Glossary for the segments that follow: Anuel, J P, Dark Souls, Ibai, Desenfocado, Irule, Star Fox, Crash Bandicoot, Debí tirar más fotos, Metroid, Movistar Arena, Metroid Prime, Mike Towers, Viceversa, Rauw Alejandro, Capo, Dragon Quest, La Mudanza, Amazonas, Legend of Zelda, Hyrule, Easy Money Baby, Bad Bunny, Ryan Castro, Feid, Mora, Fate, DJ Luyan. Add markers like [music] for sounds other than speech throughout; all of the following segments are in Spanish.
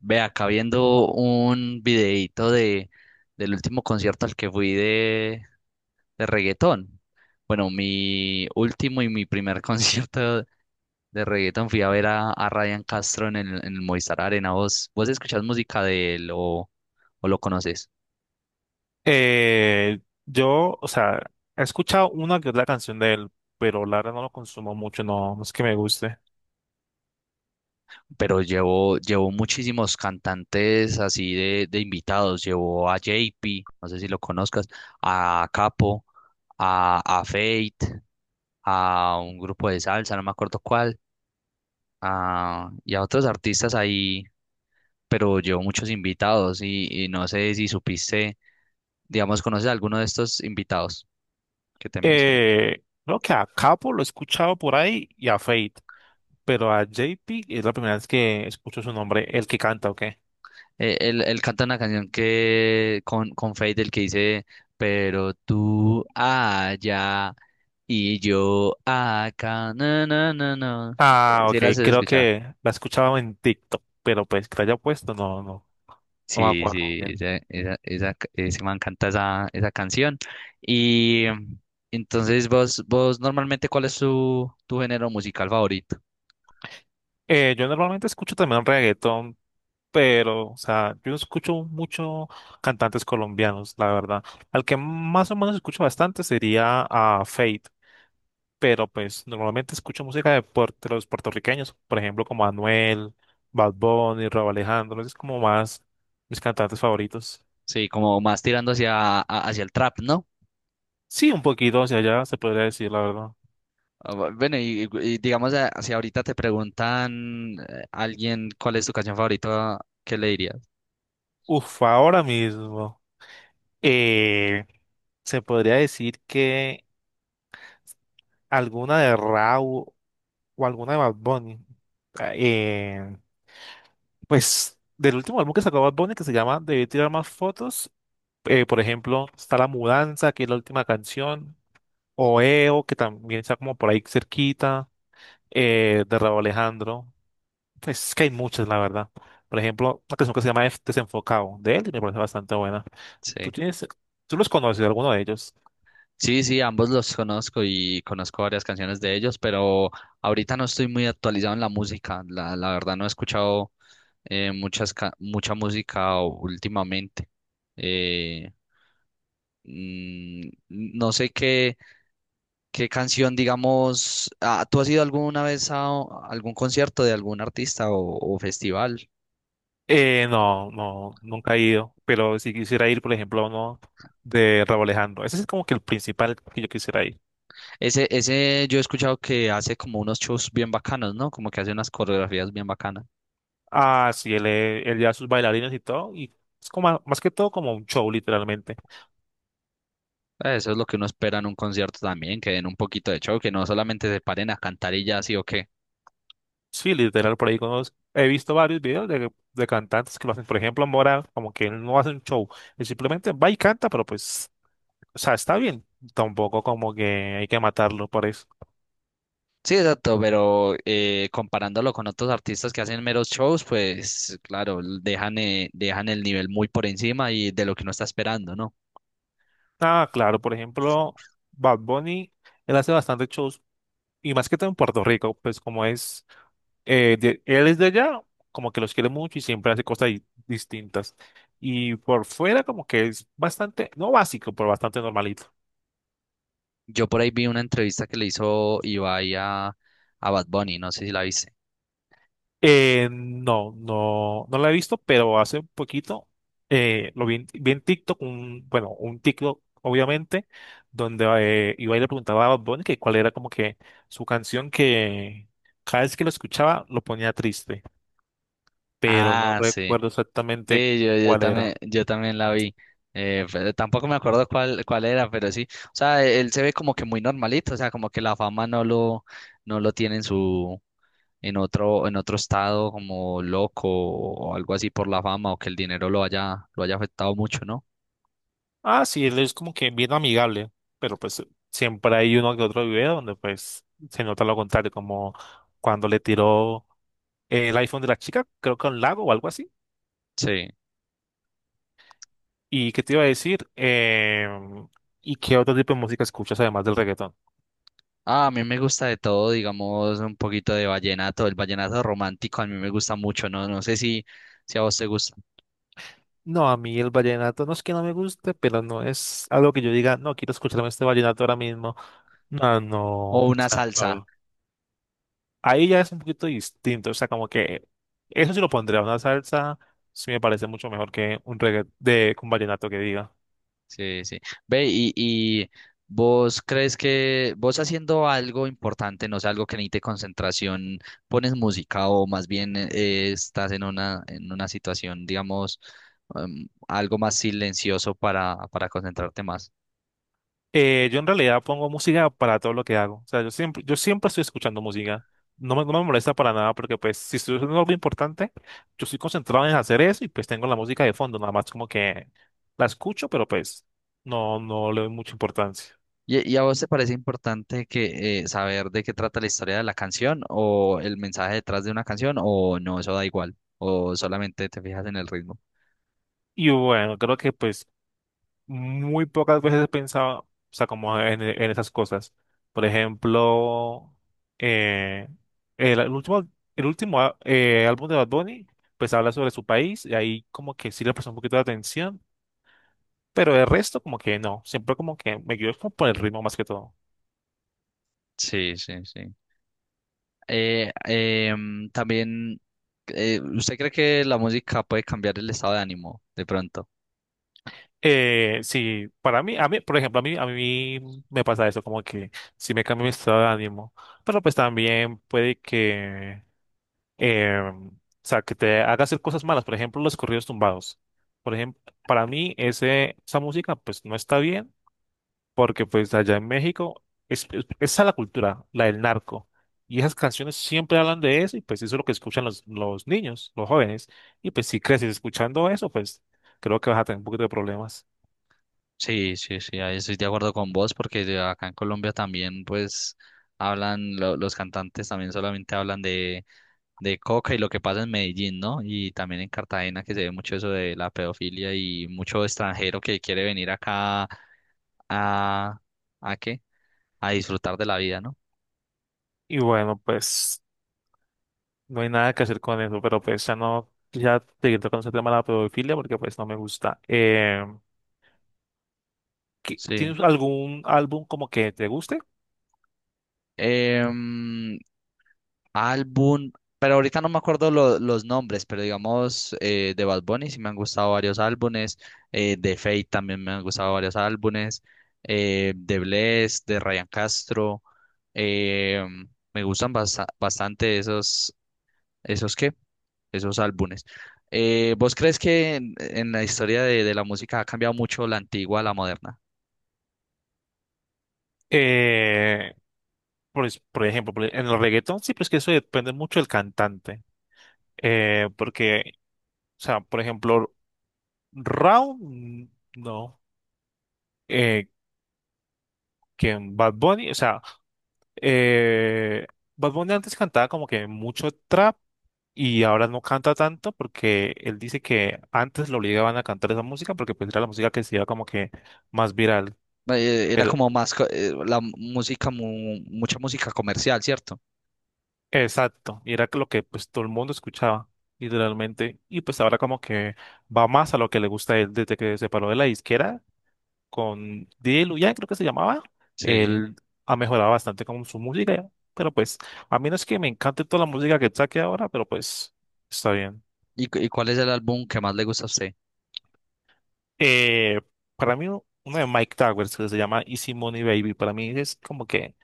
Ve acá viendo un videíto del último concierto al que fui de reggaetón. Bueno, mi último y mi primer [laughs] concierto de reggaetón fui a ver a Ryan Castro en en el Movistar Arena. ¿Vos escuchás música de él o lo conoces? Eh, yo, he escuchado una que otra canción de él, pero la verdad no lo consumo mucho, no, no es que me guste. Pero llevó muchísimos cantantes así de invitados. Llevó a JP, no sé si lo conozcas, a Capo, a Fate, a un grupo de salsa, no me acuerdo cuál. Y a otros artistas ahí, pero llevo muchos invitados y no sé si supiste, digamos. ¿Conoces a alguno de estos invitados que te mencioné? Creo que a Capo lo he escuchado por ahí y a Fate, pero a J P es la primera vez que escucho su nombre, el que canta, ¿o qué? Él canta una canción que con Feid, el que dice, pero tú allá y yo acá, no, no, no, no. Ah, ¿Si ok, las has creo escuchado? que la he escuchado en TikTok, pero pues que la haya puesto, no, no me Sí, acuerdo sí, bien. Esa, ese man canta esa canción. Y entonces vos normalmente, ¿cuál es tu género musical favorito? Yo normalmente escucho también reggaetón, pero, o sea, yo no escucho mucho cantantes colombianos, la verdad. Al que más o menos escucho bastante sería a Fate, pero pues normalmente escucho música de, de los puertorriqueños, por ejemplo, como Anuel, Bad Bunny, Rauw Alejandro, es como más mis cantantes favoritos. Sí, como más tirando hacia, hacia el trap, ¿no? Sí, un poquito hacia allá, se podría decir, la verdad. Ah, bueno, y digamos, si ahorita te preguntan, alguien, ¿cuál es tu canción favorita? ¿Qué le dirías? Uf, ahora mismo. eh, Se podría decir que alguna de Raúl o alguna de Bad Bunny. Eh, Pues del último álbum que sacó Bad Bunny, que se llama Debí tirar más fotos, por ejemplo, está La Mudanza, que es la última canción, Oeo, que también está como por ahí cerquita, de Rauw Alejandro. Pues es que hay muchas, la verdad. Por ejemplo, una canción que se llama Desenfocado, de él, y me parece bastante buena. ¿Tú Sí. tienes, tú los conoces, alguno de ellos? Sí, sí, ambos los conozco y conozco varias canciones de ellos, pero ahorita no estoy muy actualizado en la música. La verdad no he escuchado, muchas, mucha música últimamente. Eh, mm, no sé qué, qué canción, digamos. Ah, ¿tú has ido alguna vez a a algún concierto de algún artista o festival? No, no, nunca he ido, pero si quisiera ir, por ejemplo, a uno de Rauw Alejandro. Ese es como que el principal que yo quisiera ir. Ese yo he escuchado que hace como unos shows bien bacanos, ¿no? Como que hace unas coreografías bien bacanas. Ah, sí, él, él lleva sus bailarines y todo, y es como más que todo como un show, literalmente. Eso es lo que uno espera en un concierto también, que den un poquito de show, que no solamente se paren a cantar y ya, sí o Sí, literal, por ahí he visto varios videos de cantantes que lo hacen. Por ejemplo, Mora, como que él no hace un show, él simplemente va y canta, pero pues, o sea, está bien. Tampoco como que hay que matarlo por eso. sí, exacto, pero comparándolo con otros artistas que hacen meros shows, pues claro, dejan, dejan el nivel muy por encima y de lo que uno está esperando, ¿no? Ah, claro, por ejemplo, Bad Bunny, él hace bastantes shows, y más que todo en Puerto Rico, pues como es. Él es de allá, como que los quiere mucho y siempre hace cosas distintas. Y por fuera como que es bastante, no básico, pero bastante normalito. Yo por ahí vi una entrevista que le hizo Ibai a Bad Bunny, no sé si la viste. No, no, no la he visto, pero hace un poquito lo vi, en TikTok, un, bueno, un TikTok obviamente, donde iba y le preguntaba a Bad Bunny que cuál era como que su canción que cada vez que lo escuchaba lo ponía triste, pero no Ah, sí. recuerdo exactamente Sí, cuál era. Yo también la vi. Pero tampoco me acuerdo cuál, cuál era, pero sí. O sea, él se ve como que muy normalito, o sea, como que la fama no no lo tiene en en otro estado como loco o algo así por la fama o que el dinero lo lo haya afectado mucho, ¿no? Ah, sí, él es como que bien amigable, pero pues siempre hay uno que otro video donde pues se nota lo contrario, como cuando le tiró el iPhone de la chica, creo que a un lago o algo así. Sí. ¿Y qué te iba a decir? ¿Y qué otro tipo de música escuchas además del reggaetón? Ah, a mí me gusta de todo, digamos, un poquito de vallenato. El vallenato romántico a mí me gusta mucho, ¿no? No sé si, si a vos te gusta. No, a mí el vallenato no es que no me guste, pero no es algo que yo diga, no, quiero escucharme este vallenato ahora mismo. No, no, O o una sea, a salsa. ver. Ahí ya es un poquito distinto, o sea, como que eso sí lo pondría, una salsa sí me parece mucho mejor que un reggae de un vallenato que diga. Sí, sí. Ve, y vos crees que vos haciendo algo importante, no sé, algo que necesite concentración, pones música o más bien, estás en una situación, digamos, algo más silencioso para concentrarte más. Yo en realidad pongo música para todo lo que hago, o sea, yo siempre, estoy escuchando música, no me, molesta para nada porque pues si estoy haciendo algo importante, yo estoy concentrado en hacer eso y pues tengo la música de fondo, nada más como que la escucho, pero pues no, no le doy mucha importancia. Y a vos te parece importante que saber de qué trata la historia de la canción o el mensaje detrás de una canción o no, eso da igual, o solamente te fijas en el ritmo? Y bueno, creo que pues muy pocas veces he pensado, o sea, como en, esas cosas. Por ejemplo, eh, el, último, el último álbum de Bad Bunny, pues habla sobre su país y ahí como que sí le prestó un poquito de atención, pero el resto como que no, siempre como que me guío como por el ritmo más que todo. Sí, sí, sí. También, ¿usted cree que la música puede cambiar el estado de ánimo de pronto? Sí, para mí, a mí, por ejemplo, a mí, me pasa eso, como que sí me cambia mi estado de ánimo, pero pues también puede que o sea, que te haga hacer cosas malas, por ejemplo, los corridos tumbados. Por ejemplo, para mí ese, esa música pues no está bien porque pues allá en México es, esa es la cultura, la del narco. Y esas canciones siempre hablan de eso y pues eso es lo que escuchan los, niños, los jóvenes. Y pues si creces escuchando eso, pues creo que vas a tener un poquito de problemas. Sí, sí, sí, ahí estoy de acuerdo con vos, porque de acá en Colombia también, pues hablan, los cantantes también solamente hablan de coca y lo que pasa en Medellín, ¿no? Y también en Cartagena, que se ve mucho eso de la pedofilia y mucho extranjero que quiere venir acá a, ¿a qué? A disfrutar de la vida, ¿no? Y bueno, pues no hay nada que hacer con eso, pero pues ya no, ya seguir tocando ese tema de la pedofilia porque pues no me gusta. ¿Qué- Sí. ¿Tienes algún álbum como que te guste? Em, álbum, pero ahorita no me acuerdo los nombres, pero digamos, de Bad Bunny sí me han gustado varios álbumes, de Fate también me han gustado varios álbumes, de Bless, de Ryan Castro, eh, me gustan bastante esos, esos qué, esos álbumes. ¿Vos crees que en la historia de la música ha cambiado mucho la antigua a la moderna? Eh, pues, por ejemplo, en el reggaetón sí, pues que eso depende mucho del cantante. Porque, o sea, por ejemplo, Rao, no. Eh, que en Bad Bunny, o sea, eh, Bad Bunny antes cantaba como que mucho trap y ahora no canta tanto porque él dice que antes lo obligaban a cantar esa música porque pues era la música que se iba como que más viral. Era como más la música, mucha música comercial, ¿cierto? Exacto, y era lo que pues todo el mundo escuchaba, literalmente, y pues ahora como que va más a lo que le gusta a él desde que se separó de la disquera con DJ Luyan, creo que se llamaba, Sí. él ha mejorado bastante con su música, pero pues a mí no es que me encante toda la música que saque ahora, pero pues está bien. ¿Y cuál es el álbum que más le gusta a usted? Eh, para mí uno de Mike Towers que se llama Easy Money Baby, para mí es como que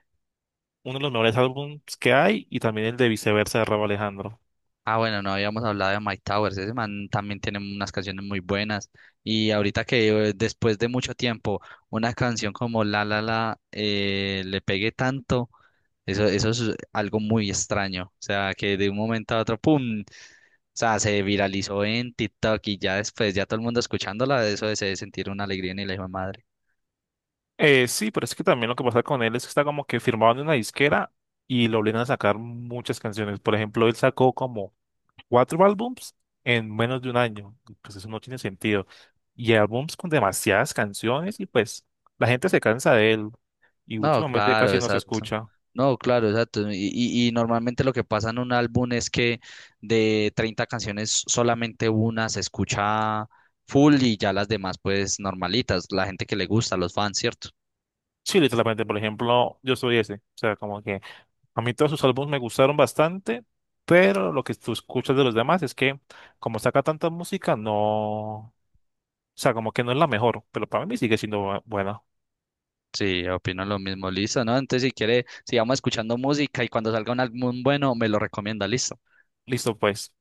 uno de los mejores álbumes que hay y también el de Viceversa de Rauw Alejandro. Ah, bueno, no habíamos hablado de Mike Towers. Ese man también tiene unas canciones muy buenas. Y ahorita que, después de mucho tiempo, una canción como La La La le pegue tanto, eso es algo muy extraño. O sea, que de un momento a otro, ¡pum! O sea, se viralizó en TikTok y ya después, ya todo el mundo escuchándola, eso de se sentir una alegría en el hijo de madre. Sí, pero es que también lo que pasa con él es que está como que firmado en una disquera y lo obligan a sacar muchas canciones. Por ejemplo, él sacó como cuatro álbums en menos de un año. Y pues eso no tiene sentido. Y álbums con demasiadas canciones y pues la gente se cansa de él y No, últimamente claro, casi no se exacto. escucha. No, claro, exacto. Y, y normalmente lo que pasa en un álbum es que de 30 canciones solamente una se escucha full y ya las demás pues normalitas, la gente que le gusta, los fans, ¿cierto? Sí, literalmente, por ejemplo, yo soy ese. O sea, como que a mí todos sus álbumes me gustaron bastante, pero lo que tú escuchas de los demás es que como saca tanta música, no sea, como que no es la mejor, pero para mí sigue siendo buena. Sí, opino lo mismo, listo, ¿no? Entonces si quiere, sigamos escuchando música y cuando salga un álbum bueno, me lo recomienda, listo. Listo, pues.